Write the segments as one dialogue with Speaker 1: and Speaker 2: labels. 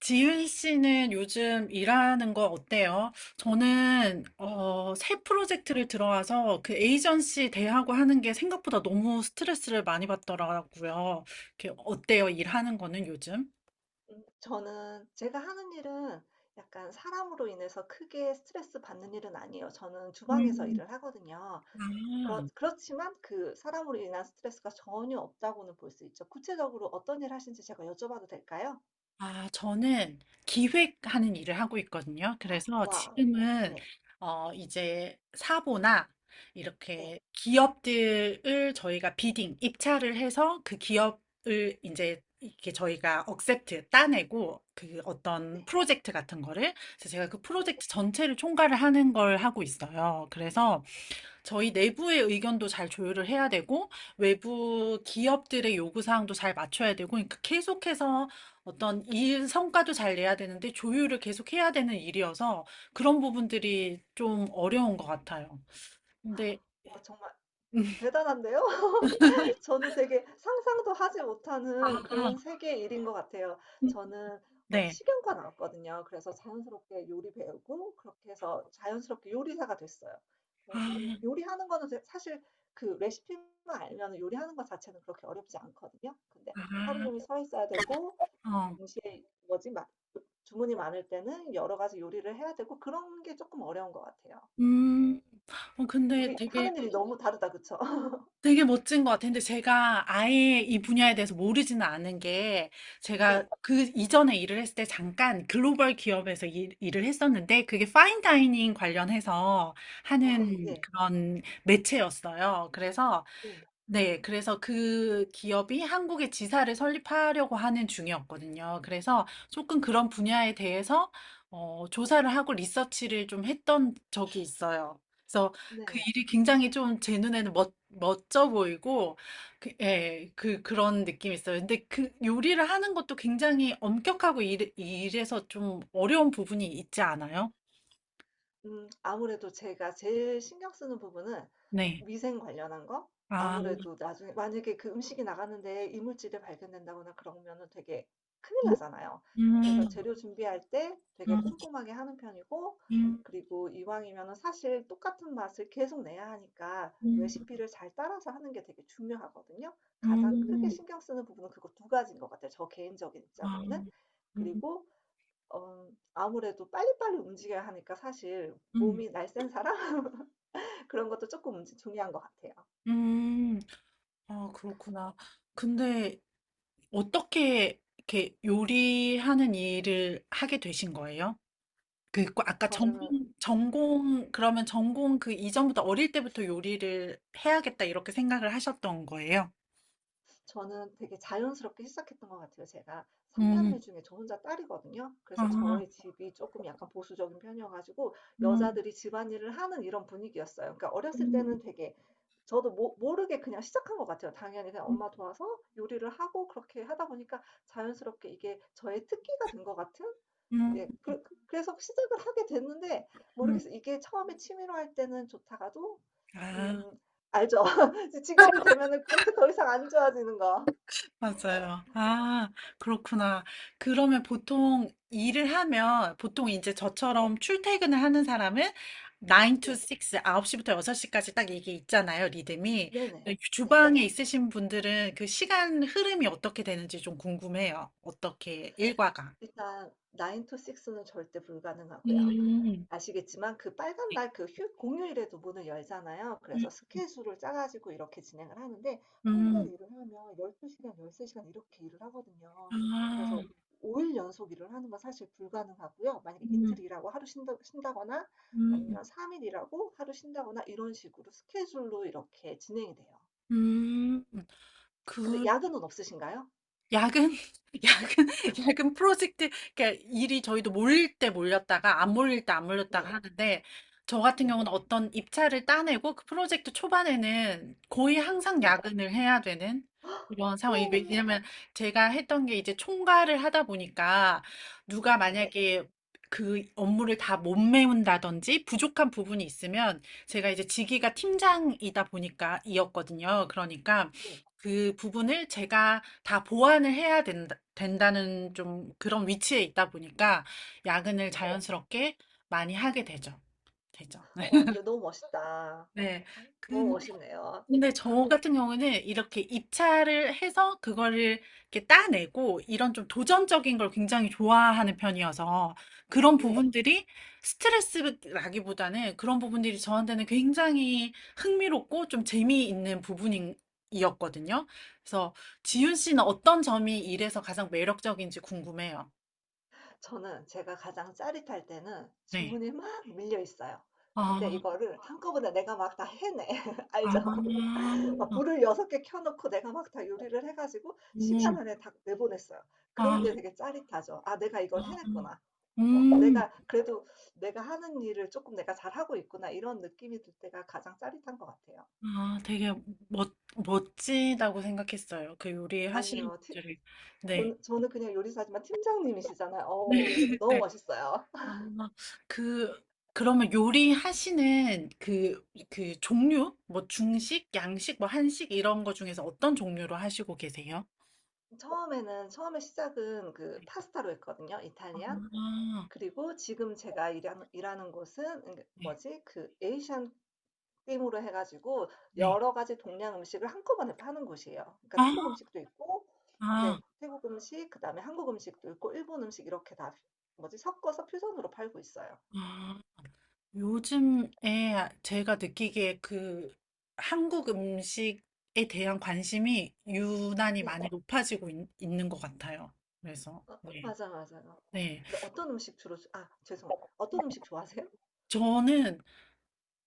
Speaker 1: 지윤 씨는 요즘 일하는 거 어때요? 저는 새 프로젝트를 들어와서 그 에이전시 대하고 하는 게 생각보다 너무 스트레스를 많이 받더라고요. 이렇게 어때요? 일하는 거는 요즘?
Speaker 2: 저는 제가 하는 일은 약간 사람으로 인해서 크게 스트레스 받는 일은 아니에요. 저는 주방에서
Speaker 1: 음.
Speaker 2: 일을 하거든요.
Speaker 1: 아.
Speaker 2: 그렇지만 그 사람으로 인한 스트레스가 전혀 없다고는 볼 수 있죠. 구체적으로 어떤 일 하시는지 제가 여쭤봐도 될까요?
Speaker 1: 아, 저는 기획하는 일을 하고 있거든요. 그래서
Speaker 2: 와.
Speaker 1: 지금은
Speaker 2: 네.
Speaker 1: 이제 사보나
Speaker 2: 네.
Speaker 1: 이렇게 기업들을 저희가 비딩, 입찰을 해서 그 기업을 이제 이렇게 저희가 억셉트 따내고 그
Speaker 2: 네.
Speaker 1: 어떤
Speaker 2: 네.
Speaker 1: 프로젝트 같은 거를. 그래서 제가 그
Speaker 2: 네.
Speaker 1: 프로젝트 전체를 총괄을 하는 걸 하고 있어요. 그래서 저희 내부의 의견도 잘 조율을 해야 되고, 외부 기업들의 요구사항도 잘 맞춰야 되고, 그러니까 계속해서 어떤 일 성과도 잘 내야 되는데, 조율을 계속 해야 되는 일이어서 그런 부분들이 좀 어려운 것 같아요. 근데,
Speaker 2: 와, 정말
Speaker 1: 음.
Speaker 2: 대단한데요? 저는 되게 상상도 하지 못하는
Speaker 1: 아,
Speaker 2: 그런 세계의 일인 것 같아요. 저는
Speaker 1: 네.
Speaker 2: 식용과 나왔거든요. 그래서 자연스럽게 요리 배우고 그렇게 해서 자연스럽게 요리사가 됐어요.
Speaker 1: 아,
Speaker 2: 요리하는 거는 사실 그 레시피만 알면 요리하는 것 자체는 그렇게 어렵지 않거든요. 근데 하루 종일
Speaker 1: 아,
Speaker 2: 서 있어야 되고, 그리고
Speaker 1: 어.
Speaker 2: 동시에 뭐지, 막 주문이 많을 때는 여러 가지 요리를 해야 되고 그런 게 조금 어려운 것 같아요.
Speaker 1: 음, 근데
Speaker 2: 우리
Speaker 1: 되게
Speaker 2: 하는 일이 너무 다르다, 그쵸?
Speaker 1: 되게 멋진 것 같아요. 근데 제가 아예 이 분야에 대해서 모르지는 않은 게 제가
Speaker 2: 네.
Speaker 1: 그 이전에 일을 했을 때 잠깐 글로벌 기업에서 일, 을 했었는데 그게 파인 다이닝 관련해서
Speaker 2: 와,
Speaker 1: 하는
Speaker 2: 네,
Speaker 1: 그런 매체였어요. 그래서
Speaker 2: 네,
Speaker 1: 네. 그래서 그 기업이 한국에 지사를 설립하려고 하는 중이었거든요. 그래서 조금 그런 분야에 대해서 조사를 하고 리서치를 좀 했던 적이 있어요. 그래서 그
Speaker 2: 네.
Speaker 1: 일이 굉장히 좀 제 눈에는 멋 멋져 보이고 그 예. 그런 느낌이 있어요. 근데 그 요리를 하는 것도 굉장히 엄격하고 이래 해서 좀 어려운 부분이 있지 않아요?
Speaker 2: 아무래도 제가 제일 신경 쓰는 부분은
Speaker 1: 네.
Speaker 2: 위생 관련한 거?
Speaker 1: 아.
Speaker 2: 아무래도 나중에 만약에 그 음식이 나가는데 이물질이 발견된다거나 그러면은 되게 큰일 나잖아요.
Speaker 1: 음.
Speaker 2: 그래서 재료 준비할 때 되게 꼼꼼하게 하는 편이고,
Speaker 1: 음.
Speaker 2: 그리고 이왕이면은 사실 똑같은 맛을 계속 내야 하니까
Speaker 1: 음.
Speaker 2: 레시피를 잘 따라서 하는 게 되게 중요하거든요. 가장 크게
Speaker 1: 음.
Speaker 2: 신경 쓰는 부분은 그거 두 가지인 것 같아요, 저 개인적인
Speaker 1: 아.
Speaker 2: 입장으로는.
Speaker 1: 음.
Speaker 2: 그리고 어 아무래도 빨리빨리 움직여야 하니까 사실
Speaker 1: 음.
Speaker 2: 몸이 날쌘 사람 그런 것도 조금 움직 중요한 것 같아요.
Speaker 1: 음, 아, 그렇구나. 근데 어떻게 이렇게 요리하는 일을 하게 되신 거예요? 그, 아까 전공,
Speaker 2: 저는
Speaker 1: 전공, 그러면 전공 그 이전부터 어릴 때부터 요리를 해야겠다 이렇게 생각을 하셨던 거예요?
Speaker 2: 저는 되게 자연스럽게 시작했던 것 같아요. 제가 3남매
Speaker 1: 음,
Speaker 2: 남매 중에 저 혼자 딸이거든요. 그래서
Speaker 1: 아,
Speaker 2: 저희 집이 조금 약간 보수적인 편이어 가지고
Speaker 1: 음,
Speaker 2: 여자들이 집안일을 하는 이런 분위기였어요. 그러니까 어렸을
Speaker 1: 음,
Speaker 2: 때는 되게 저도 모 모르게 그냥 시작한 것 같아요. 당연히 그냥
Speaker 1: 음,
Speaker 2: 엄마 도와서 요리를 하고 그렇게 하다 보니까 자연스럽게 이게 저의 특기가 된 것 같은,
Speaker 1: 음.
Speaker 2: 예, 그, 래서 시작을 하게 됐는데
Speaker 1: 음.
Speaker 2: 모르겠어요. 이게 처음에 취미로 할 때는 좋다가도
Speaker 1: 아,
Speaker 2: 음, 알죠. 직업이 되면은 그렇게 더 이상 안 좋아지는 거.
Speaker 1: 맞아요. 아, 그렇구나. 그러면 보통 일을 하면, 보통 이제
Speaker 2: 네,
Speaker 1: 저처럼 출퇴근을 하는 사람은 9 to
Speaker 2: 네,
Speaker 1: 6, 9시부터 6시까지 딱 이게 있잖아요, 리듬이. 근데
Speaker 2: 네네, 네.
Speaker 1: 주방에 있으신 분들은 그 시간 흐름이 어떻게 되는지 좀 궁금해요. 어떻게 일과가.
Speaker 2: 일단 9 to 6는 절대 불가능하고요.
Speaker 1: 음,
Speaker 2: 아시겠지만 그 빨간 날, 그 휴 공휴일에도 문을 열잖아요.
Speaker 1: 음,
Speaker 2: 그래서 스케줄을 짜 가지고 이렇게 진행을 하는데 한번
Speaker 1: 음.
Speaker 2: 일을 하면 12시간 시간, 13시간 시간 이렇게 일을 하거든요.
Speaker 1: 아,
Speaker 2: 그래서 5일 연속 일을 하는 건 사실 불가능하고요. 만약에
Speaker 1: 음,
Speaker 2: 이틀 일하고 하루 쉰다거나,
Speaker 1: 음,
Speaker 2: 아니면 3일 일하고 하루 쉰다거나 이런 식으로 스케줄로 이렇게 진행이 돼요.
Speaker 1: 음.
Speaker 2: 근데
Speaker 1: 그,
Speaker 2: 야근은 없으신가요?
Speaker 1: 야근, 야근, 야근 프로젝트, 그러니까 일이 저희도 몰릴 때 몰렸다가 안 몰릴 때 안 몰렸다가
Speaker 2: 네.
Speaker 1: 하는데 저 같은
Speaker 2: 네.
Speaker 1: 경우는 어떤 입찰을 따내고 그 프로젝트 초반에는 거의 항상
Speaker 2: 네.
Speaker 1: 야근을 해야 되는
Speaker 2: 헉!
Speaker 1: 그런 상황이
Speaker 2: 오,
Speaker 1: 왜냐면 제가 했던 게 이제 총괄을 하다 보니까 누가
Speaker 2: 네.
Speaker 1: 만약에 그 업무를 다 못 메운다든지 부족한 부분이 있으면 제가 이제 직위가 팀장이다 보니까 이었거든요. 그러니까
Speaker 2: 네.
Speaker 1: 그 부분을 제가 다 보완을 해야 된다는 좀 그런 위치에 있다 보니까 야근을
Speaker 2: 네.
Speaker 1: 자연스럽게 많이 하게 되죠. 되죠.
Speaker 2: 와, 근데
Speaker 1: 네.
Speaker 2: 너무 멋있다. 너무
Speaker 1: 근데
Speaker 2: 멋있네요.
Speaker 1: 근데 저 같은 경우에는 이렇게 입찰을 해서 그거를 이렇게 따내고 이런 좀 도전적인 걸 굉장히 좋아하는 편이어서 그런
Speaker 2: 네.
Speaker 1: 부분들이 스트레스라기보다는 그런 부분들이 저한테는 굉장히 흥미롭고 좀 재미있는 부분이었거든요. 그래서 지윤 씨는 어떤 점이 일에서 가장 매력적인지 궁금해요.
Speaker 2: 저는 제가 가장 짜릿할 때는
Speaker 1: 네.
Speaker 2: 주문이 막 밀려 있어요. 근데
Speaker 1: 아,
Speaker 2: 이거를 한꺼번에 내가 막 다 해내. 알죠?
Speaker 1: 아,
Speaker 2: 막 불을 6개 켜 놓고 내가 막 다 요리를 해 가지고 시간
Speaker 1: 음,
Speaker 2: 안에 다 내보냈어요.
Speaker 1: 아,
Speaker 2: 그럴 때 되게 짜릿하죠. '아, 내가 이걸 해냈구나.
Speaker 1: 음.
Speaker 2: 내가 그래도 내가 하는 일을 조금 내가 잘하고 있구나.' 이런 느낌이 들 때가 가장 짜릿한 것 같아요.
Speaker 1: 아, 되게 멋지다고 생각했어요. 그 요리 하시는
Speaker 2: 아니요.
Speaker 1: 분
Speaker 2: 팀
Speaker 1: 들을 네.
Speaker 2: 저는 그냥 요리사지만 팀장님이시잖아요. 어우, 너무
Speaker 1: 네.
Speaker 2: 멋있어요.
Speaker 1: 아, 그, 그러면 요리 하시는 그, 종류? 뭐 중식, 양식, 뭐 한식 이런 거 중에서 어떤 종류로 하시고 계세요?
Speaker 2: 처음에 시작은 그 파스타로 했거든요, 이탈리안.
Speaker 1: 아,
Speaker 2: 그리고 지금 제가 일하는 곳은 그
Speaker 1: 네.
Speaker 2: 뭐지? 그 에이시안 임으로 해가지고
Speaker 1: 네.
Speaker 2: 여러 가지 동양 음식을 한꺼번에 파는 곳이에요. 그러니까
Speaker 1: 아,
Speaker 2: 태국 음식도 있고,
Speaker 1: 아,
Speaker 2: 네, 태국 음식, 그다음에 한국 음식도 있고, 일본 음식 이렇게 다 뭐지? 섞어서 퓨전으로 팔고 있어요.
Speaker 1: 아. 요즘에 제가 느끼기에 그 한국 음식에 대한 관심이 유난히
Speaker 2: 네,
Speaker 1: 많이 높아지고 있, 는것 같아요. 그래서, 네.
Speaker 2: 맞아, 맞아요.
Speaker 1: 네.
Speaker 2: 근데 어떤 음식 주로, 아, 죄송, 어떤 음식 좋아하세요?
Speaker 1: 저는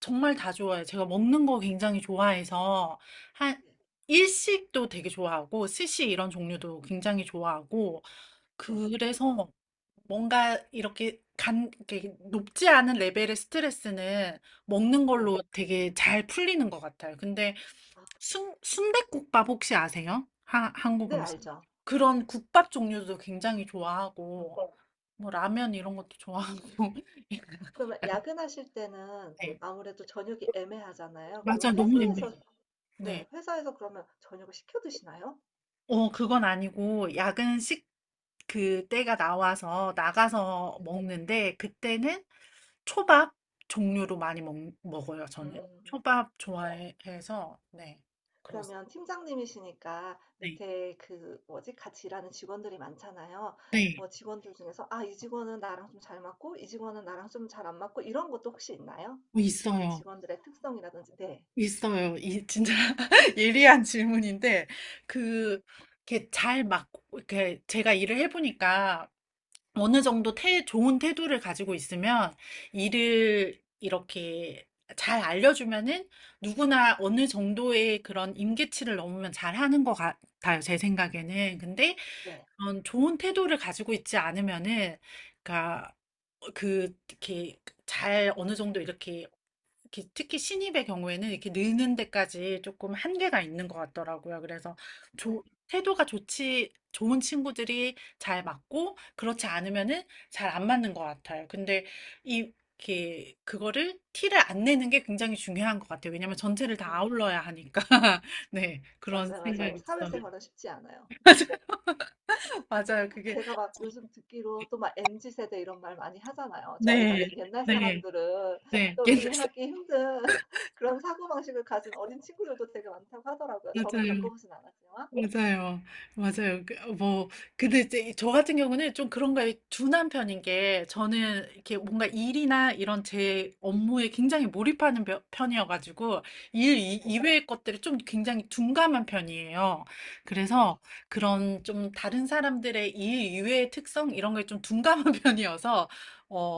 Speaker 1: 정말 다 좋아해요. 제가 먹는 거 굉장히 좋아해서, 한,
Speaker 2: 네,
Speaker 1: 일식도 되게 좋아하고, 스시 이런 종류도 굉장히 좋아하고,
Speaker 2: 네,
Speaker 1: 그래서 뭔가 이렇게 이렇게 높지 않은 레벨의 스트레스는 먹는
Speaker 2: 네.
Speaker 1: 걸로 되게 잘 풀리는 것 같아요. 근데
Speaker 2: 아,
Speaker 1: 순댓국밥 혹시 아세요? 한국
Speaker 2: 네,
Speaker 1: 음식.
Speaker 2: 알죠.
Speaker 1: 그런 국밥 종류도 굉장히
Speaker 2: 음.
Speaker 1: 좋아하고, 뭐 라면 이런 것도 좋아하고.
Speaker 2: 그러면 야근하실 때는
Speaker 1: 네,
Speaker 2: 아무래도 저녁이 애매하잖아요. 그러면
Speaker 1: 맞아, 너무
Speaker 2: 회사에서,
Speaker 1: 애매해요. 네.
Speaker 2: 네, 회사에서 그러면 저녁을 시켜 드시나요?
Speaker 1: 그건 아니고, 야근식 그 때가 나와서 나가서
Speaker 2: 네.
Speaker 1: 먹는데, 그때는 초밥 종류로 많이 먹어요, 저는.
Speaker 2: 음.
Speaker 1: 초밥 좋아해서, 네.
Speaker 2: 그러면
Speaker 1: 그렇습니다.
Speaker 2: 팀장님이시니까
Speaker 1: 네.
Speaker 2: 밑에 그 뭐지, 같이 일하는 직원들이 많잖아요.
Speaker 1: 네.
Speaker 2: 뭐 직원들 중에서 '아, 이 직원은 나랑 좀 잘 맞고 이 직원은 나랑 좀 잘 안 맞고.' 이런 것도 혹시 있나요? 그
Speaker 1: 있어요.
Speaker 2: 직원들의 특성이라든지. 네.
Speaker 1: 있어요. 진짜 예리한 질문인데,
Speaker 2: 네.
Speaker 1: 그, 이렇게 잘 막, 이렇게 제가 일을 해보니까 어느 정도 좋은 태도를 가지고 있으면 일을 이렇게 잘 알려주면은 누구나 어느 정도의 그런 임계치를 넘으면 잘하는 것 같아요, 제 생각에는. 근데
Speaker 2: 네.
Speaker 1: 그런 좋은 태도를 가지고 있지 않으면은, 그러니까 그 이렇게 잘 어느 정도 이렇게 특히 신입의 경우에는 이렇게 느는 데까지 조금 한계가 있는 것 같더라고요. 그래서
Speaker 2: 네.
Speaker 1: 조, 태도가 좋은 친구들이 잘 맞고, 그렇지 않으면은 잘 안 맞는 것 같아요. 근데 이, 이렇게, 그거를 티를 안 내는 게 굉장히 중요한 것 같아요. 왜냐면 전체를 다
Speaker 2: 음.
Speaker 1: 아울러야 하니까. 네, 그런
Speaker 2: 맞아요, 맞아요.
Speaker 1: 생각이 있어요.
Speaker 2: 사회생활은 쉽지 않아요. 네.
Speaker 1: 맞아요. 그게,
Speaker 2: 제가 막 요즘 듣기로 또 막 MZ 세대 이런 말 많이 하잖아요. 저희
Speaker 1: 네,
Speaker 2: 같은 옛날
Speaker 1: 네,
Speaker 2: 사람들은
Speaker 1: 네.
Speaker 2: 좀
Speaker 1: 옛날, 사
Speaker 2: 이해하기 힘든 그런 사고방식을 가진 어린 친구들도 되게 많다고 하더라고요. 저는
Speaker 1: 맞아요.
Speaker 2: 겪어보진 않았지만.
Speaker 1: 맞아요. 맞아요. 그, 뭐, 근데 이제 저 같은 경우는 좀 그런 거에 둔한 편인 게 저는 이렇게 뭔가 일이나 이런 제 업무에 굉장히 몰입하는 편이어가지고 일
Speaker 2: 네.
Speaker 1: 이외의 것들을 좀 굉장히 둔감한 편이에요.
Speaker 2: 네.
Speaker 1: 그래서 그런 좀 다른 사람들의 일 이외의 특성 이런 거에 좀 둔감한 편이어서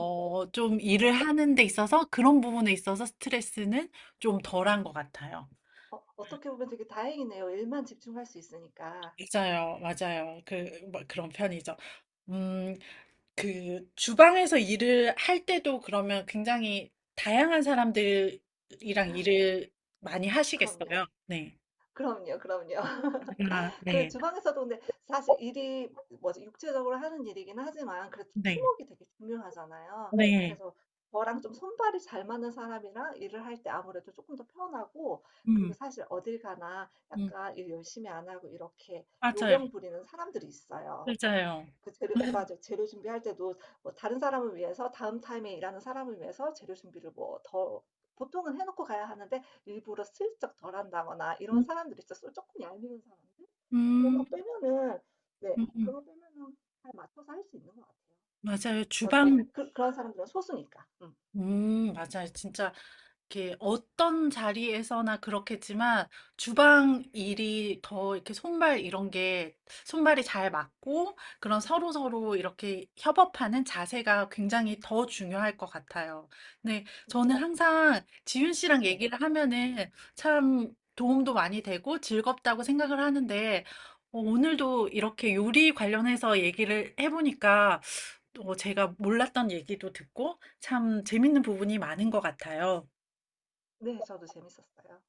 Speaker 2: 음.
Speaker 1: 좀
Speaker 2: 어,
Speaker 1: 일을 하는 데 있어서 그런 부분에 있어서 스트레스는 좀 덜한 것 같아요.
Speaker 2: 어떻게 보면 되게 다행이네요. 일만 집중할 수 있으니까.
Speaker 1: 맞아요, 맞아요. 그, 뭐 그런 편이죠. 음, 그 주방에서 일을 할 때도 그러면 굉장히 다양한 사람들이랑 일을 많이
Speaker 2: 그럼요.
Speaker 1: 하시겠어요? 네.
Speaker 2: 그럼요, 그럼요.
Speaker 1: 아,
Speaker 2: 그
Speaker 1: 네.
Speaker 2: 주방에서도 근데 사실 일이 뭐지, 육체적으로 하는 일이긴 하지만 그래도
Speaker 1: 네.
Speaker 2: 팀워크가 되게 중요하잖아요.
Speaker 1: 네.
Speaker 2: 그래서 저랑 좀 손발이 잘 맞는 사람이랑 일을 할 때 아무래도 조금 더 편하고, 그리고
Speaker 1: 음,
Speaker 2: 사실 어딜 가나
Speaker 1: 음,
Speaker 2: 약간 일 열심히 안 하고 이렇게
Speaker 1: 맞아요.
Speaker 2: 요령 부리는 사람들이 있어요.
Speaker 1: 맞아요.
Speaker 2: 그 재료 맞아. 재료 준비할 때도 뭐 다른 사람을 위해서 다음 타임에 일하는 사람을 위해서 재료 준비를 뭐 더 보통은 해 놓고 가야 하는데 일부러 슬쩍 덜 한다거나 이런
Speaker 1: 음,
Speaker 2: 사람들이 있어서 조금 얄미운 사람들? 그런
Speaker 1: 음,
Speaker 2: 거 빼면은, 네,
Speaker 1: 음, 음.
Speaker 2: 그런 거 빼면은 잘 맞춰서 할 수 있는 것 같아요.
Speaker 1: 맞아요.
Speaker 2: 뭐
Speaker 1: 주방
Speaker 2: 그런 사람들은 소수니까. 음.
Speaker 1: 맞아요. 진짜 이렇게 어떤 자리에서나 그렇겠지만 주방 일이 더 이렇게 손발 이런 게 손발이 잘 맞고 그런 서로서로 이렇게 협업하는 자세가 굉장히 더 중요할 것 같아요. 네, 저는 항상 지윤 씨랑
Speaker 2: 네.
Speaker 1: 얘기를 하면은 참 도움도 많이 되고 즐겁다고 생각을 하는데 오늘도 이렇게 요리 관련해서 얘기를 해보니까 또 제가 몰랐던 얘기도 듣고 참 재밌는 부분이 많은 것 같아요.
Speaker 2: 네, 저도 재밌었어요.